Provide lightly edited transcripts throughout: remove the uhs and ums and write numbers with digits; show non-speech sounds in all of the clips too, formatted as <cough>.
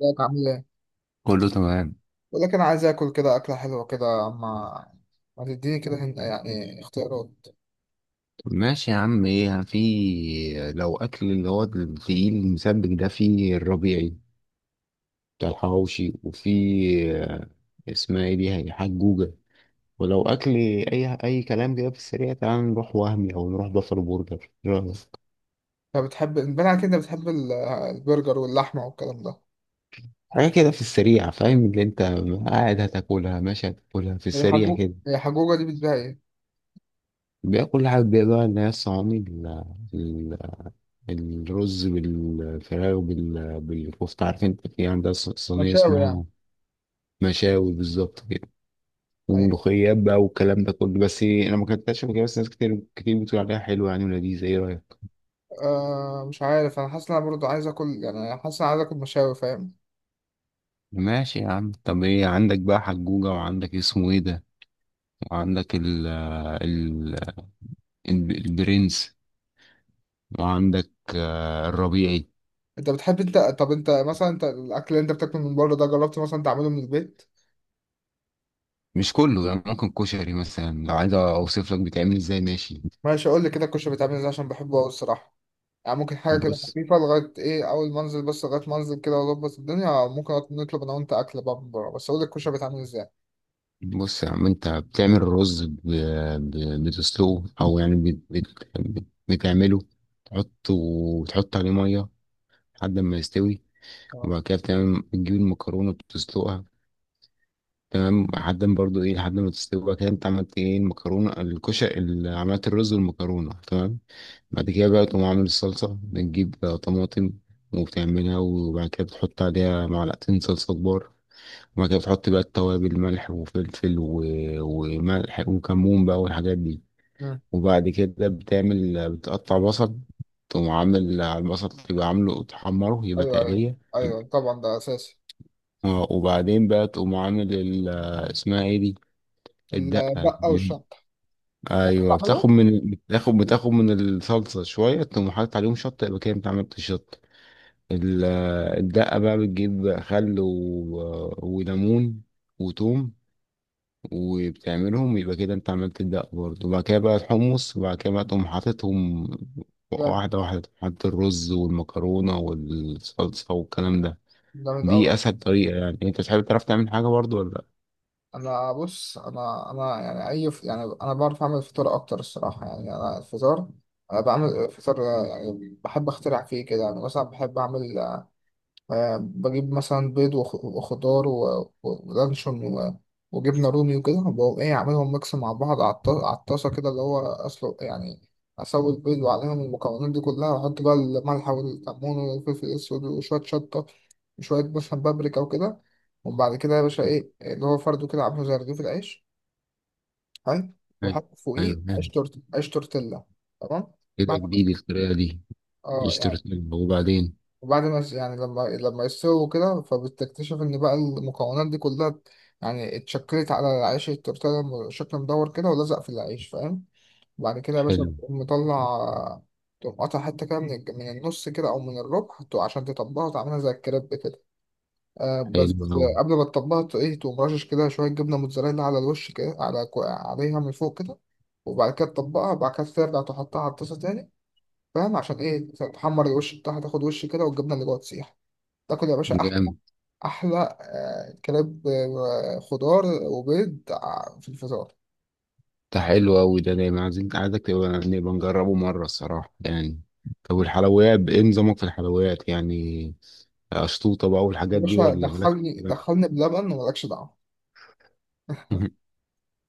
ازيك عامل ايه؟ كله تمام. بقول لك انا عايز اكل كده اكله حلوه كده ما تديني كده يعني اختيارات. طب ماشي يا عم، ايه في؟ لو اكل اللي هو التقيل المسبك ده في الربيعي بتاع الحواوشي، وفي آه، اسمها ايه دي؟ هي حجوجة. ولو اكل اي كلام كده في السريع، تعال نروح وهمي او نروح بافلو برجر، إيه رأيك؟ انت بتحب، باين عليك انت بتحب البرجر واللحمه والكلام ده. حاجه كده في السريع، فاهم اللي انت قاعد هتاكلها؟ ماشي، هتاكلها في السريع كده. هي حجوجه دي بتبيع ايه؟ بقى كل حاجه بقى، اللي هي الصواني ال- الرز بالفراخ بالكفته، عارف انت؟ في عندها صينيه مشاوي يعني. اسمها مشاوي بالظبط كده، ايوه. وملوخيات بقى والكلام ده كله، بس انا ما كنتش فاكر. بس ناس كتير بتقول عليها حلوه يعني ولذيذه، ايه رايك؟ مش عارف، انا حاسس ان انا برضه عايز اكل يعني، أنا حاسس ان انا عايز اكل مشاوي فاهم. ماشي يا عم. طب ايه عندك بقى؟ حجوجة، وعندك اسمه ايه ده، وعندك البرنس، وعندك الربيعي. انت بتحب، انت الاكل اللي انت بتاكله من بره ده جربت مثلا تعمله من البيت؟ مش كله يعني، ممكن كشري مثلا، لو عايز اوصف لك بيتعمل ازاي، ماشي. ماشي قول لي كده الكشري بيتعمل ازاي عشان بحبه قوي الصراحه. يعني ممكن حاجة كده بص، خفيفة لغاية إيه، أول ما أنزل بس لغاية ما أنزل كده وأظبط الدنيا، ممكن نطلب أنا وأنت أكل بقى من بره، بس أقول لك الكشري بيتعمل إزاي. بص يا عم، انت بتعمل الرز بتسلقه، او يعني بتعمله، تحطه وتحط عليه ميه لحد ما يستوي. اه. وبعد كده بتعمل، بتجيب المكرونة، بتسلقها تمام لحد ما برضو ايه، لحد ما تستوي. وبعد كده انت عملت ايه؟ المكرونة، الكشري، عملت الرز والمكرونة تمام. بعد كده بقى تقوم عامل الصلصة، بتجيب طماطم وبتعملها. وبعد كده بتحط عليها معلقتين صلصة كبار، وبعد كده بتحط بقى التوابل، ملح وفلفل وملح وكمون بقى والحاجات دي. مم. وبعد كده بتعمل، بتقطع بصل، تقوم عامل على البصل، تبقى عامله تحمره، يبقى أيوه أيوه. تقلية. أيوه طبعا ده أساسي. اه، وبعدين بقى تقوم عامل اسمها ايه دي، الدقة. البقة والشطة. ايوه، بتعمله. بتاخد من الصلصة شوية، تقوم حاطط عليهم شطة، يبقى كده انت عملت شطة. ال- الدقة بقى، بتجيب خل وليمون وتوم، وبتعملهم، يبقى كده انت عملت الدقة برضه. وبعد كده بقى الحمص، وبعد كده بقى تقوم حاططهم جامد. واحدة واحدة، تقوم حاطط الرز والمكرونة والصلصة والكلام ده. جامد أوي. دي أسهل طريقة يعني. أنت تحب تعرف تعمل حاجة برضه ولا لأ؟ أنا بص، أنا أنا يعني يعني أنا بعرف أعمل فطار أكتر الصراحة يعني، أنا الفطار، أنا بعمل فطار يعني بحب أخترع فيه كده، يعني مثلا بحب أعمل، بجيب مثلا بيض وخضار ولانشون وجبنة رومي وكده، وبقوم إيه أعملهم ميكس مع بعض على الطاسة كده اللي هو أسلق يعني، أسوي البيض وعليهم المكونات دي كلها، وأحط بقى الملح والكمون والفلفل الأسود وشوية شطة وشوية مثلا بابريكا وكده. وبعد كده يا باشا إيه، اللي هو فرده كده عامله زي رغيف العيش. حلو. ايوه، وأحط ايوه. فوقيه عيش حلو، تورت، عيش تورتيلا. تمام. كده بعد- جديد الطريقة دي. اه يعني، اشتريتها وبعدين. وبعد ما يعني لما يستووا كده، فبتكتشف ان بقى المكونات دي كلها يعني اتشكلت على العيش التورتيلا، شكل مدور كده ولزق في العيش فاهم. وبعد كده يا باشا حلو، بتقوم مطلع، تقوم قاطع حتة كده من النص كده، أو من الربع عشان تطبقها وتعملها زي الكريب كده. آه حلو بس أوي. آه، قبل ما تطبقها تو- إيه تقوم رشش كده شوية جبنة موتزاريلا على الوش كده، على عليها من فوق كده. وبعد كده تطبقها، وبعد كده ترجع تحطها على الطاسة تاني فاهم عشان إيه، تحمر الوش بتاعها، تاخد وش كده والجبنة اللي جوه تسيح. تاكل يا باشا احلى. جامد. احلى كباب، خضار وبيض في الفطار. ده حلو أوي ده، دايما عايزين، عايزك تبقى، نبقى نجربه مرة، الصراحة يعني. طب والحلويات، ايه نظامك في الحلويات يعني؟ أشطوطة بقى يا والحاجات دي، باشا ولا مالك في دخلني الكلام؟ دخلني بلبن ومالكش دعوه. <laughs>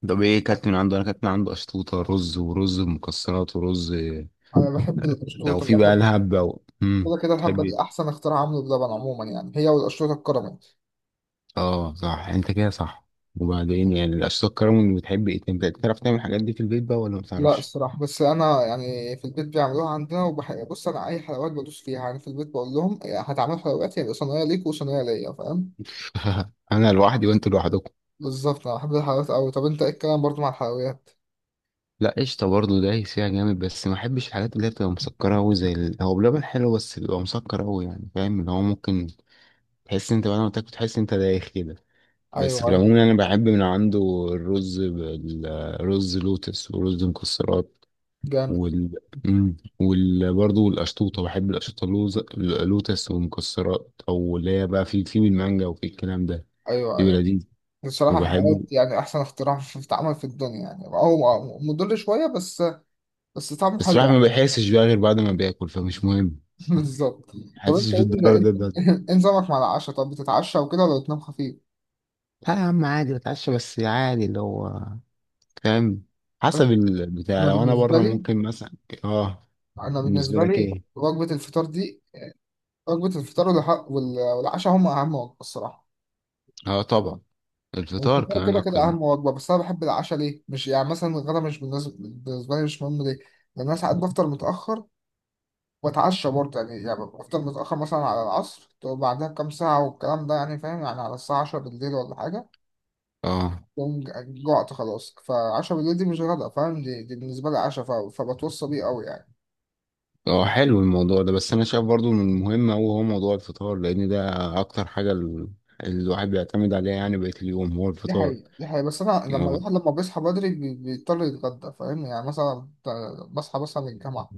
طب ايه كانت من عنده؟ انا كانت من عنده أشطوطة رز، ورز مكسرات، ورز انا بحب لو القشطوطه في بقى بحب. لهب، أو كده كده الهبه تحب. دي احسن اختراع عمله بلبن عموما يعني، هي والقشطوطه الكراميل. اه صح، انت كده صح. وبعدين يعني الاشخاص كرم، بتحب ايه؟ انت بتعرف تعمل الحاجات دي في البيت بقى ولا ما لا بتعرفش؟ الصراحه، بس انا يعني في البيت بيعملوها عندنا وبحب، بص انا اي حلويات بدوس فيها يعني، في البيت بقول لهم هتعملوا حلويات يبقى صينيه ليك وصينيه ليا فاهم. <laughs> انا لوحدي وانت لوحدكم. بالظبط، انا بحب الحلويات قوي. طب انت ايه الكلام برضو مع الحلويات؟ لا، قشطه برضه دايس فيها جامد، بس ما احبش الحاجات اللي هي بتبقى مسكره قوي، زي هو بلبن حلو بس بيبقى مسكر قوي يعني، فاهم؟ اللي هو ممكن تحس انت بعد ما تاكل، تحس انت دايخ كده. بس ايوه في ايوه. العموم يعني، انا بحب من عنده الرز، بالرز لوتس ورز مكسرات. جامد. وال وال برضه القشطوطة، بحب القشطوطة لوز، لوتس ومكسرات، أو اللي هي بقى في بالمانجا وفي الكلام ده، ايوه بيبقى ايوه. لذيذ بصراحة وبحبه. حققت يعني أحسن اختراع في اتعمل في الدنيا يعني، هو مضر شوية بس، بس طعمه بس الواحد حلو. ما بيحسش بقى غير بعد ما بياكل، فمش مهم. <laughs> بالظبط. حاسس طيب، بالضرر ده ده إيه نظامك مع العشاء، طب بتتعشى وكده ولا بتنام خفيف؟ لا يا عم، عادي بتعشى، بس عادي اللي هو، فاهم، حسب البتاع. أنا لو أنا بالنسبة بره لي، ممكن مثلا. اه. أنا بالنسبة بالنسبة لك لي ايه؟ وجبة الفطار دي، وجبة الفطار والعشاء هم أهم وجبة الصراحة. اه طبعا، الفطار والفطار كمان كده كده أكتر. أهم وجبة، بس أنا بحب العشاء ليه؟ مش يعني مثلا الغدا، مش بالنسبة، بالنسبة لي مش مهم ليه؟ لأن أنا ساعات بفطر متأخر واتعشى برضه يعني بفضل متأخر مثلا على العصر، وبعدها بكام ساعة والكلام ده يعني فاهم يعني، على الساعة 10 بالليل ولا حاجة. اه، بقوم جوعت خلاص، فعشرة بالليل دي مش غدا فاهم، دي بالنسبة لي عشاء، فبتوصى بيه قوي يعني. اه حلو الموضوع ده. بس انا شايف برضو من المهم، هو موضوع الفطار، لان ده اكتر حاجه الواحد بيعتمد عليها يعني، بقيه اليوم هو دي الفطار. حقيقة دي حقيقة، بس أنا لما اه. الواحد لما بيصحى بدري بيضطر يتغدى فاهم يعني، مثلا بصحى مثلا من الجامعة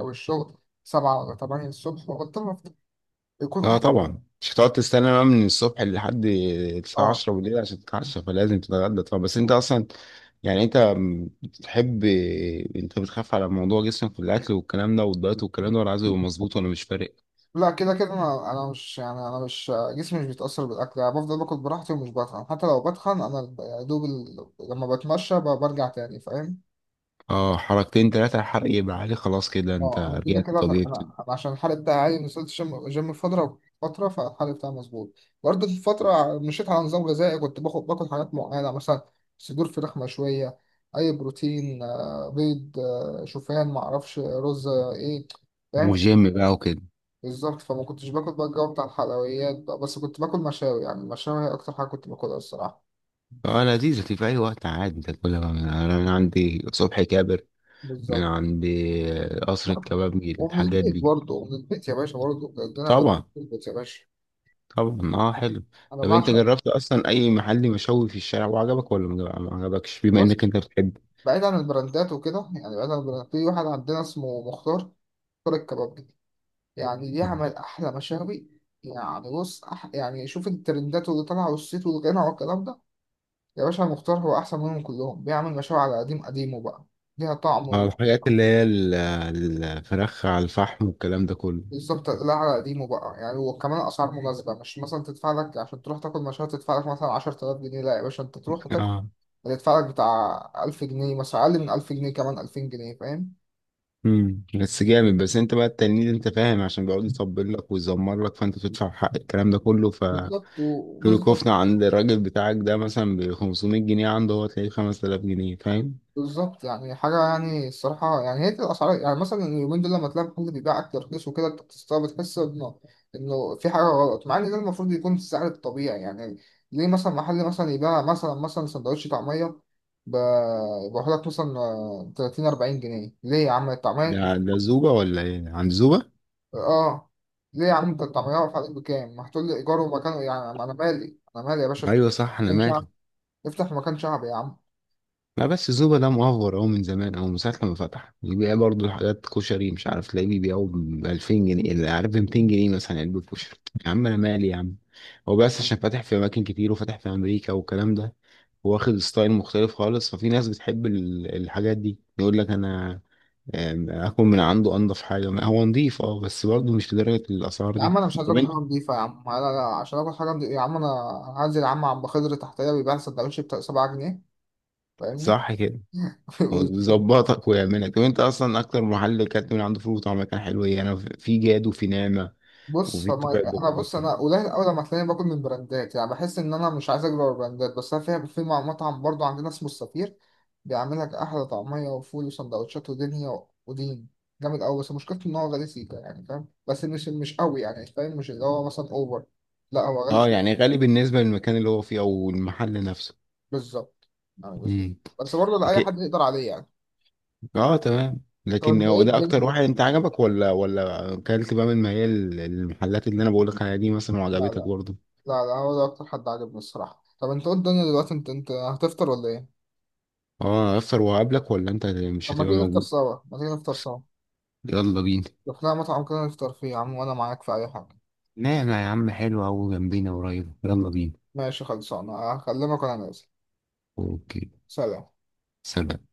أو الشغل سبعة ولا تمانية الصبح وبضطر أفطر. يكون آه أحسن. طبعا، مش هتقعد تستنى بقى من الصبح لحد الساعه آه، 10 بالليل عشان تتعشى، فلازم تتغدى طبعا. بس انت اصلا يعني، انت بتحب، انت بتخاف على موضوع جسمك والاكل والكلام ده والدايت والكلام ده، ولا عايزه يبقى مظبوط، ولا مش فارق؟ لا كده كده انا مش يعني، انا مش جسمي مش بيتاثر بالاكل يعني، بفضل باكل براحتي ومش بتخن، حتى لو بتخن انا يا دوب لما بتمشى برجع تاني فاهم. اه، حركتين ثلاثه الحرق يبقى عالي، خلاص كده انت اه انا كده رجعت كده طبيعي. أنا عشان الحرق بتاعي عالي، وصلت جيم جيم فتره فتره، فالحرق بتاعي مظبوط. برضه في فتره مشيت على نظام غذائي، كنت باخد باكل حاجات معينه مثلا صدور فراخ مشويه، اي بروتين، بيض، شوفان، معرفش رز آه، ايه فاهم. وجيم بقى وكده. بالظبط، فما كنتش باكل بقى الجو بتاع الحلويات بقى، بس كنت باكل مشاوي يعني، المشاوي هي أكتر حاجة كنت باكلها الصراحة. اه لذيذة في أي وقت، عادي أنت تاكلها بقى. من أنا، من عندي صبحي كابر، من بالظبط. عندي قصر لا، الكبابجي، ومن الحاجات البيت دي. برضه، من البيت يا باشا برضه، ده أنا كنت طبعا، في البيت يا باشا. طبعا اه، حلو. أنا طب أنت بعشق. جربت أصلا أي محل مشوي في الشارع وعجبك ولا ما عجبكش، بما إنك بص، أنت بتحب؟ بعيد عن البراندات وكده يعني، بعيد عن البراندات، في واحد عندنا اسمه مختار. مختار الكباب دي يعني بيعمل <laughs> أحلى مشاوي. يعني بص يعني شوف الترندات واللي طالعة والصيت والغنى والكلام ده، يا باشا مختار هو أحسن منهم كلهم، بيعمل مشاوي على قديم قديمه بقى. ليها طعم. اه الحاجات اللي هي الفراخ على الفحم والكلام ده كله. بالظبط. لا على قديمه بقى يعني، وكمان اسعار مناسبه، مش مثلا تدفع لك عشان تروح تاكل مشروع تدفع لك مثلا 10000 جنيه. لا يا باشا انت تروح وتاكل اه، هتدفع لك بتاع 1000 جنيه مثلا، اقل من 1000 جنيه، كمان 2000 جنيه فاهم. امم، بس جامد. بس انت بقى التلميذ انت، فاهم؟ عشان بيقعد يطبل لك ويزمر لك، فانت تدفع حق الكلام ده كله. بالظبط كيلو وبالظبط كفتة عند الراجل بتاعك ده مثلا ب 500 جنيه، عنده هو تلاقيه 5000 جنيه، فاهم؟ بالظبط يعني حاجة يعني، الصراحة يعني هي دي الأسعار يعني، مثلا اليومين دول لما تلاقي محل بيبيع أكل رخيص وكده أنت بتستغرب، بتحس إنه، إنه في حاجة غلط، مع إن ده المفروض يكون السعر الطبيعي يعني. ليه مثلا محل مثلا يبيع مثلا سندوتش طعمية ب- بيقول لك مثلا، 30 40 جنيه؟ ليه يا عم ده الطعمية؟ ده زوبة ولا ايه؟ عند زوبة؟ آه ليه يا عم، أنت الطعمية واقف عليك بكام؟ ما هتقول لي إيجار ومكان يعني، أنا مالي، أنا مالي يا باشا، افتح ايوه صح، انا مكان شعبي، مالي. افتح مكان شعبي يا عم. لا بس زوبا ده مأفور أهو من زمان، أهو من ساعة لما فتح بيبيع برضه حاجات كشري، مش عارف، تلاقيه بيبيعه ب 2000 جنيه، اللي عارف ب 200 جنيه مثلا علبة كشري. يا عم أنا مالي يا عم. هو بس عشان فاتح في أماكن كتير، وفاتح في أمريكا والكلام ده، واخد ستايل مختلف خالص. ففي ناس بتحب الحاجات دي، يقول لك أنا آكل من عنده أنضف حاجة، ما هو نضيف. أه بس برضه مش لدرجة الأسعار يا دي. عم انا مش طب هضرب حاجه أنت- نضيفه يا عم، لا لا عشان اكل حاجه نضيفة. يا عم انا هنزل يا عم، عم خضر تحتيه بيبيع سندوتش ب 7 جنيه فاهمني. صح كده، <laughs> ويظبطك ويعملك. وانت اصلا اكتر محل كانت من عنده فول وطعميه كان حلو ايه؟ انا في جاد، وفي نعمه، بص، وفي فما الطبيعه انا، بص الدمياطي. انا قليل قوي لما تلاقيني باكل من براندات يعني، بحس ان انا مش عايز اجرب البراندات، بس انا فيها في مطعم برضو عندنا اسمه السفير، بيعمل لك احلى طعميه وفول وسندوتشات ودنيا ودين، جامد قوي، بس مشكلته ان هو غالي سيكا يعني فاهم، بس مش قوي يعني فاهم، مش اللي هو مثلا اوفر. لا هو غالي اه شوية. يعني غالي بالنسبه للمكان اللي هو فيه، او المحل نفسه. بالظبط يعني بالظبط. امم. بس برضه لاي كت-، حد يقدر عليه يعني. اه تمام. طب لكن انت هو ايه ده الجيم؟ اكتر واحد لا انت عجبك، ولا ولا اكلت بقى من، ما هي المحلات اللي انا بقولك عليها دي مثلا، لا. وعجبتك لا برضه؟ لا لا، هو ده اكتر حد عجبني الصراحة. طب انت قول، الدنيا دلوقتي انت هتفطر ولا ايه؟ اه، افطر وأقابلك، ولا انت مش طب ما هتبقى تيجي نفطر موجود؟ سوا، ما تيجي نفطر سوا، يلا بينا. لو لنا مطعم كده نفطر فيه يا عم وانا معاك في اي حاجة. نعم يا عم، حلو أوي، جنبينا قريب، يلا بينا. ماشي خلصانة، هكلمك وانا نازل. اوكي، سلام. سلام.